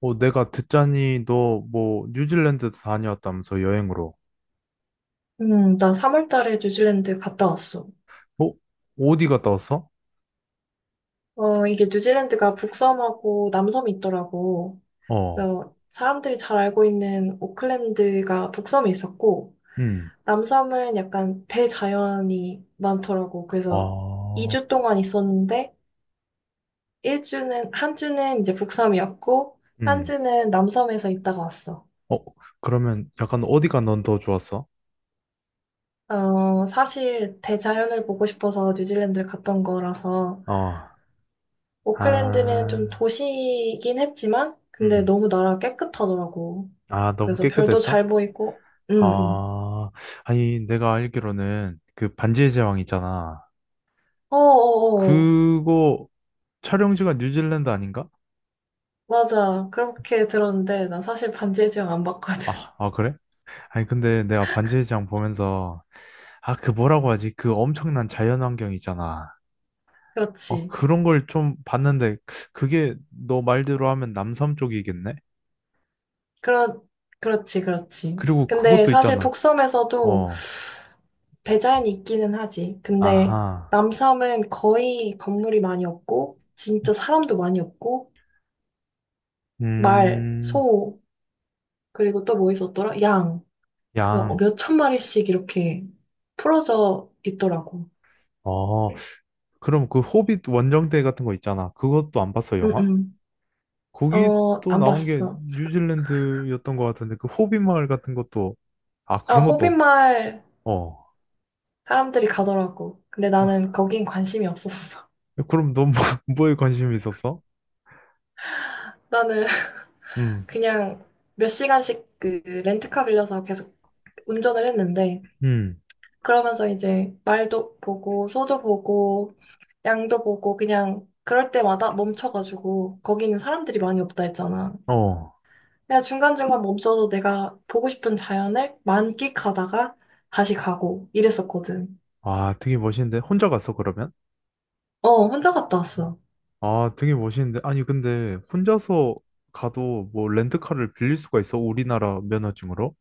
어, 내가 듣자니 너 뭐 뉴질랜드도 다녀왔다면서 여행으로. 나 3월 달에 뉴질랜드 갔다 왔어. 어? 어디 갔다 왔어? 어, 이게 뉴질랜드가 북섬하고 남섬이 있더라고. 어. 그래서 사람들이 잘 알고 있는 오클랜드가 북섬에 있었고, 음. 남섬은 약간 대자연이 많더라고. 그래서 아. 2주 동안 있었는데, 일 주는 한 주는 이제 북섬이었고, 한 음. 주는 남섬에서 있다가 왔어. 어, 그러면 약간 어디가 넌 더 좋았어? 어, 사실 대자연을 보고 싶어서 뉴질랜드를 갔던 거라서, 어. 오클랜드는 아. 좀 도시이긴 했지만, 근데 음. 너무 나라 깨끗하더라고. 아, 너무 그래서 별도 깨끗했어? 잘 보이고, 응, 응. 아. 아니, 내가 알기로는 그 반지의 제왕 있잖아. 어어어, 그거 촬영지가 뉴질랜드 아닌가? 맞아. 그렇게 들었는데, 나 사실 반지의 제왕 안 봤거든. 아, 아 그래? 아니, 근데 내가 반지의 제왕 보면서, 아, 그 뭐라고 하지? 그 엄청난 자연환경 있잖아. 어, 그렇지. 그런 걸 좀 봤는데, 그게 너 말대로 하면 남섬 쪽이겠네? 그렇, 그렇지, 그렇지. 그리고 근데 그것도 사실 있잖아. 북섬에서도 어, 대자연이 있기는 하지. 근데 아하. 남섬은 거의 건물이 많이 없고, 진짜 사람도 많이 없고, 말, 음, 소, 그리고 또 뭐 있었더라? 양. 그래서 양. 몇천 마리씩 이렇게 풀어져 있더라고. 어, 네. 그럼 그 호빗 원정대 같은 거 있잖아. 그것도 안 봤어, 영화? 응응. 거기 어, 또 안 나온 게 봤어. 뉴질랜드였던 것 같은데, 그 호빗 마을 같은 것도, 아, 아, 그런 것도, 호빗마을 어. 사람들이 가더라고. 근데 나는 아, 거긴 관심이 없었어. 그럼 넌 뭐, 뭐에 관심이 있었어? 나는 음, 그냥 몇 시간씩 그 렌트카 빌려서 계속 운전을 했는데, 음, 그러면서 이제 말도 보고, 소도 보고, 양도 보고, 그냥 그럴 때마다 멈춰가지고, 거기는 사람들이 많이 없다 했잖아. 어. 내가 중간중간 멈춰서 내가 보고 싶은 자연을 만끽하다가 다시 가고 이랬었거든. 아, 되게 멋있는데. 혼자 갔어, 그러면? 어, 혼자 갔다 왔어. 아, 되게 멋있는데. 아니, 근데 혼자서 가도 뭐 렌트카를 빌릴 수가 있어? 우리나라 면허증으로?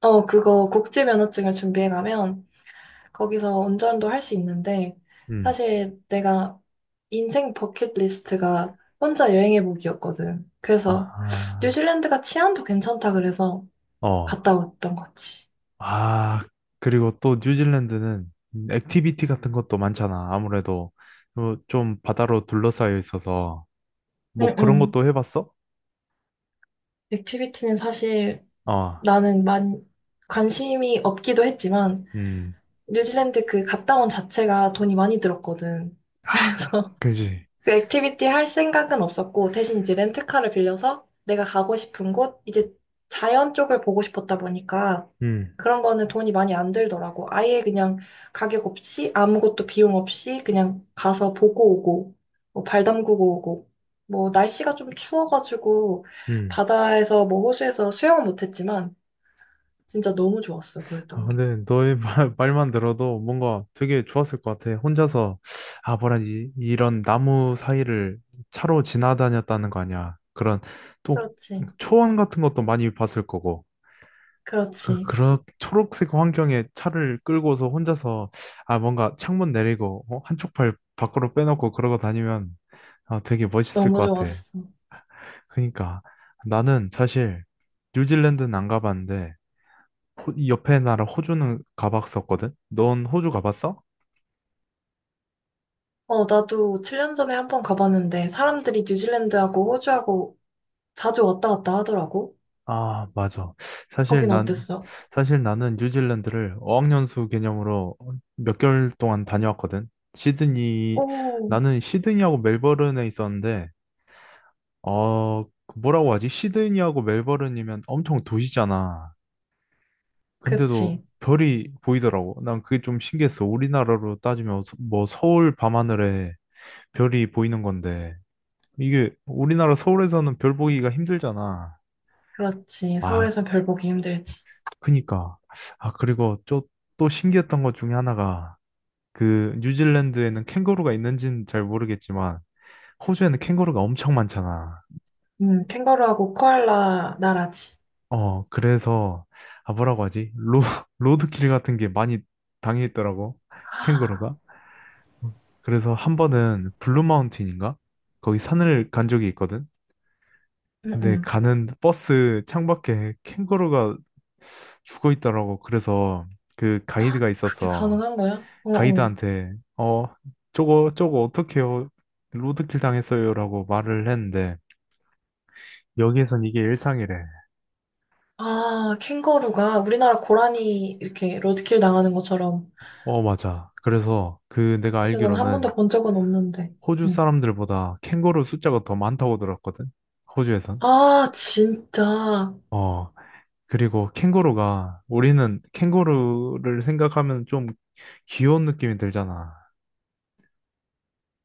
어, 그거 국제 면허증을 준비해 가면 거기서 운전도 할 수 있는데 음. 사실 내가 인생 버킷리스트가 혼자 여행해 보기였거든. 그래서 아, 뉴질랜드가 치안도 괜찮다 그래서 아, 어. 갔다 왔던 거지. 아, 그리고 또 뉴질랜드는 액티비티 같은 것도 많잖아. 아무래도 어, 좀 바다로 둘러싸여 있어서. 뭐 응응. 그런 것도 해봤어? 액티비티는 사실 어, 나는 만 관심이 없기도 했지만 음. 뉴질랜드 그 갔다 온 자체가 돈이 많이 들었거든. 그래서 아, 그지. 그 액티비티 할 생각은 없었고, 대신 이제 렌트카를 빌려서 내가 가고 싶은 곳, 이제 자연 쪽을 보고 싶었다 보니까 음, 그런 거는 돈이 많이 안 들더라고. 아예 그냥 가격 없이, 아무것도 비용 없이 그냥 가서 보고 오고, 뭐 발 담그고 오고. 뭐 날씨가 좀 추워가지고 음. 바다에서 뭐 호수에서 수영은 못했지만 진짜 너무 좋았어. 아, 그랬던 게. 근데 너의 말, 말만 들어도 뭔가 되게 좋았을 것 같아. 혼자서, 아, 뭐라지, 이런 나무 사이를 차로 지나다녔다는 거 아니야. 그런, 또, 그렇지. 초원 같은 것도 많이 봤을 거고. 그, 그렇지. 그런 초록색 환경에 차를 끌고서 혼자서, 아, 뭔가 창문 내리고, 어? 한쪽 팔 밖으로 빼놓고 그러고 다니면, 아, 되게 멋있을 너무 것 같아. 좋았어. 그러니까, 나는 사실, 뉴질랜드는 안 가봤는데, 이 옆에 나라 호주는 가봤었거든? 넌 호주 가봤어? 어, 나도 7년 전에 한 번 가봤는데 사람들이 뉴질랜드하고 호주하고 자주 왔다 갔다 하더라고. 아, 맞아. 사실 거긴 난, 어땠어? 사실 나는 뉴질랜드를 어학연수 개념으로 몇 개월 동안 다녀왔거든? 시드니, 오, 나는 시드니하고 멜버른에 있었는데, 어, 그 뭐라고 하지? 시드니하고 멜버른이면 엄청 도시잖아. 근데도 그치. 별이 보이더라고. 난 그게 좀 신기했어. 우리나라로 따지면 뭐 서울 밤하늘에 별이 보이는 건데. 이게 우리나라 서울에서는 별 보기가 힘들잖아. 그렇지. 아, 서울에선 별 보기 힘들지. 그니까. 아, 그리고 또, 또 신기했던 것 중에 하나가 그 뉴질랜드에는 캥거루가 있는지는 잘 모르겠지만 호주에는 캥거루가 엄청 많잖아. 캥거루하고 코알라 나라지. 어, 그래서 아, 뭐라고 하지? 로드킬 같은 게 많이 당했더라고. 캥거루가. 그래서 한 번은 블루 마운틴인가? 거기 산을 간 적이 있거든. 응, 근데 응. 가는 버스 창밖에 캥거루가 죽어 있더라고. 그래서 그 가이드가 그게 있었어. 가능한 거야? 어, 어. 가이드한테 어 저거 저거 어떡해요? 로드킬 당했어요라고 말을 했는데 여기에선 이게 일상이래. 아, 캥거루가 우리나라 고라니 이렇게 로드킬 당하는 것처럼. 어 맞아. 그래서 그 내가 근데 난 한 알기로는 번도 본 적은 없는데. 호주 응. 사람들보다 캥거루 숫자가 더 많다고 들었거든. 호주에선. 아, 진짜. 어 그리고 캥거루가 우리는 캥거루를 생각하면 좀 귀여운 느낌이 들잖아.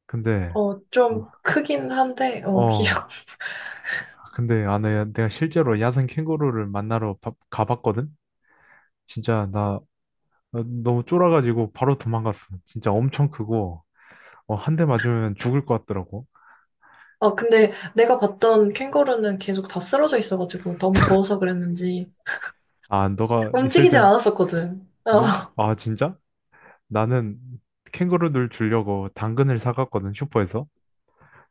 근데 어, 어, 좀 크긴 한데, 어, 어, 귀여워. 근데 아, 내가 실제로 야생 캥거루를 만나러 가봤거든? 진짜 나 어, 너무 쫄아가지고 바로 도망갔어. 진짜 엄청 크고, 어, 한 대 맞으면 죽을 것 같더라고. 아, 근데 내가 봤던 캥거루는 계속 다 쓰러져 있어가지고 너무 더워서 그랬는지 아, 너가 있을 움직이질 땐, 않았었거든. 어, 뭐, 아, 진짜? 나는 캥거루들 주려고 당근을 사갔거든, 슈퍼에서.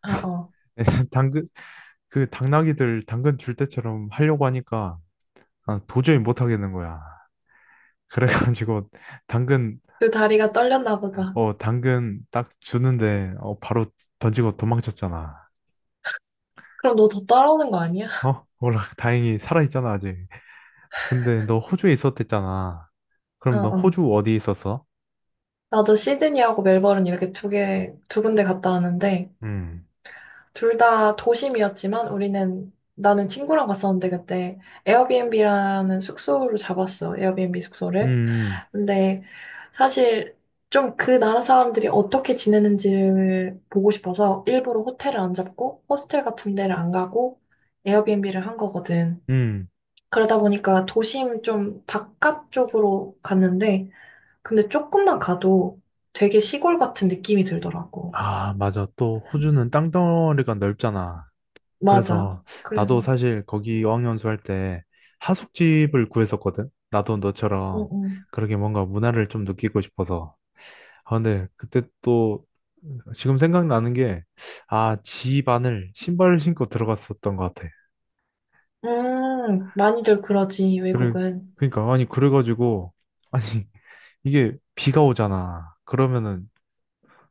어, 어. 당근, 그 당나귀들 당근 줄 때처럼 하려고 하니까 아, 도저히 못 하겠는 거야. 그래가지고 당근 그 다리가 떨렸나 보다. 어, 당근 딱 주는데, 어, 바로 던지고 도망쳤잖아. 그럼 너 더 따라오는 거 아니야? 어? 몰라, 다행히 살아있잖아, 아직. 근데 너 호주에 있었댔잖아. 어, 그럼 너 어. 호주 어디 있었어? 나도 시드니하고 멜버른 이렇게 두 개, 두 군데 갔다 왔는데 음, 둘 다 도심이었지만 우리는 나는 친구랑 갔었는데 그때 에어비앤비라는 숙소를 잡았어. 에어비앤비 숙소를. 음, 근데 사실 좀 그 나라 사람들이 어떻게 지내는지를 보고 싶어서 일부러 호텔을 안 잡고 호스텔 같은 데를 안 가고 에어비앤비를 한 거거든. 음. 그러다 보니까 도심 좀 바깥쪽으로 갔는데 근데 조금만 가도 되게 시골 같은 느낌이 들더라고. 아, 맞아. 또 호주는 땅덩어리가 넓잖아. 맞아. 그래서 나도 그래서 사실 거기 어학연수 할 때 하숙집을 구했었거든. 나도 너처럼 응, 응. 그렇게 뭔가 문화를 좀 느끼고 싶어서. 아, 근데 그때 또 지금 생각나는 게, 아, 지반을 신발을 신고 들어갔었던 것 같아. 많이들 그러지, 그래, 외국은. 그러니까, 아니, 그래가지고, 아니, 이게 비가 오잖아. 그러면은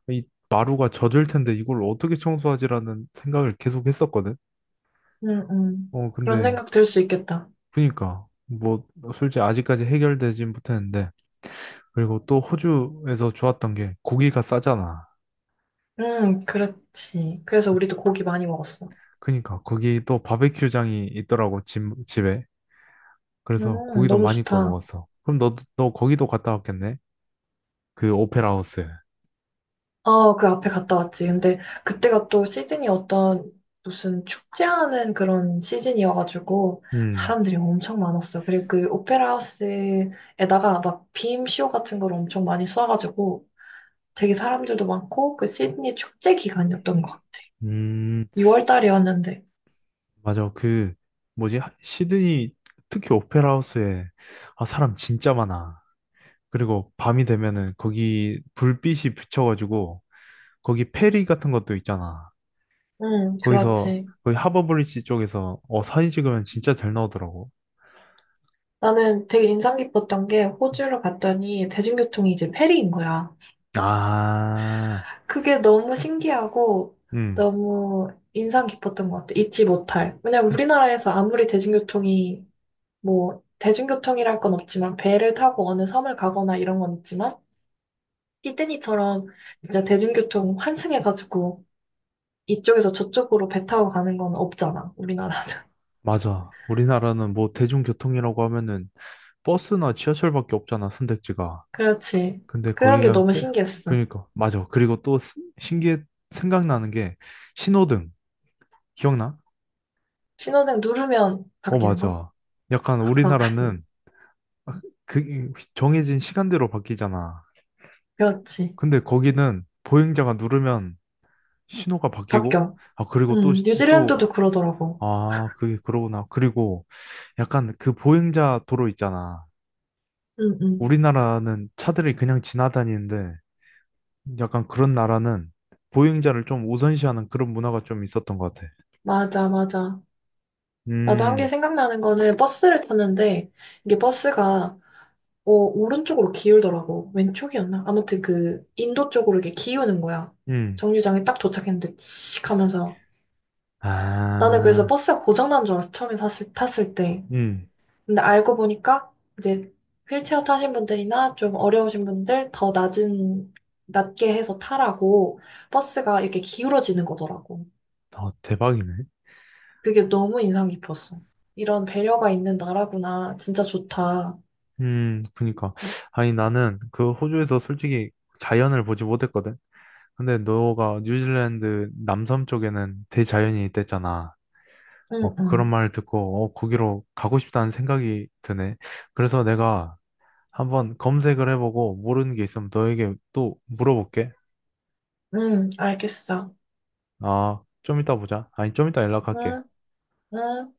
이 마루가 젖을 텐데 이걸 어떻게 청소하지라는 생각을 계속 했었거든. 응, 응. 어, 그런 근데, 생각 들 수 있겠다. 그러니까, 뭐, 솔직히 아직까지 해결되진 못했는데, 그리고 또 호주에서 좋았던 게 고기가 싸잖아. 응, 그렇지. 그래서 우리도 고기 많이 먹었어. 그러니까, 거기 또 바베큐장이 있더라고, 집에. 그래서 고기도 너무 많이 구워 좋다. 먹었어. 그럼 너, 거기도 갔다 왔겠네? 그 오페라 하우스. 아, 그 앞에 갔다 왔지. 근데 그때가 또 시즌이 어떤 무슨 축제하는 그런 시즌이어가지고 음, 사람들이 엄청 많았어요. 그리고 그 오페라 하우스에다가 막 빔쇼 같은 걸 엄청 많이 써가지고 되게 사람들도 많고 그 시드니 축제 기간이었던 것 같아. 음, 6월 달이었는데. 맞아. 그, 뭐지? 시드니, 특히 오페라 하우스에, 아, 사람 진짜 많아. 그리고 밤이 되면은 거기 불빛이 비춰가지고, 거기 페리 같은 것도 있잖아. 거기서, 그렇지. 거기 하버브리지 쪽에서, 어, 사진 찍으면 진짜 잘 나오더라고. 나는 되게 인상 깊었던 게 호주로 갔더니 대중교통이 이제 페리인 거야. 아, 그게 너무 신기하고 음, 너무 인상 깊었던 것 같아. 잊지 못할. 왜냐면 우리나라에서 아무리 대중교통이 뭐 대중교통이랄 건 없지만 배를 타고 어느 섬을 가거나 이런 건 있지만 시드니처럼 진짜 대중교통 환승해가지고 이쪽에서 저쪽으로 배 타고 가는 건 없잖아. 우리나라는. 맞아. 우리나라는 뭐 대중교통이라고 하면은 버스나 지하철밖에 없잖아, 선택지가. 그렇지. 근데 그런 거기 게 가면 너무 빼. 신기했어. 그러니까 맞아. 그리고 또 신기해 생각나는 게 신호등. 기억나? 신호등 누르면 어, 바뀌는 거? 맞아. 약간 어, 우리나라는 그 정해진 시간대로 바뀌잖아. 그렇지. 근데 거기는 보행자가 누르면 신호가 바뀌고 바뀌어. 아 그리고 또 또 뉴질랜드도 그러더라고. 아, 그게 그러구나. 그리고 약간 그 보행자 도로 있잖아. 응, 응. 우리나라는 차들이 그냥 지나다니는데 약간 그런 나라는 보행자를 좀 우선시하는 그런 문화가 좀 있었던 것 같아. 맞아, 맞아. 나도 한 게 음, 생각나는 거는 버스를 탔는데 이게 버스가 어, 오른쪽으로 기울더라고. 왼쪽이었나? 아무튼 그 인도 쪽으로 이렇게 기우는 거야. 음, 정류장에 딱 도착했는데 치익 하면서 나는 그래서 아, 버스가 고장난 줄 알았어. 처음에 탔을 때. 음, 근데 알고 보니까 이제 휠체어 타신 분들이나 좀 어려우신 분들 더 낮은 낮게 해서 타라고 버스가 이렇게 기울어지는 거더라고. 어, 대박이네. 그게 너무 인상 깊었어. 이런 배려가 있는 나라구나. 진짜 좋다. 그니까. 아니, 나는 그 호주에서 솔직히 자연을 보지 못했거든. 근데 너가 뉴질랜드 남섬 쪽에는 대자연이 있댔잖아. 응, 뭐 그런 응, 말을 듣고, 어, 거기로 가고 싶다는 생각이 드네. 그래서 내가 한번 검색을 해보고 모르는 게 있으면 너에게 또 물어볼게. 응, 알겠어. 아, 좀 이따 보자. 아니, 좀 이따 연락할게. 응, 응.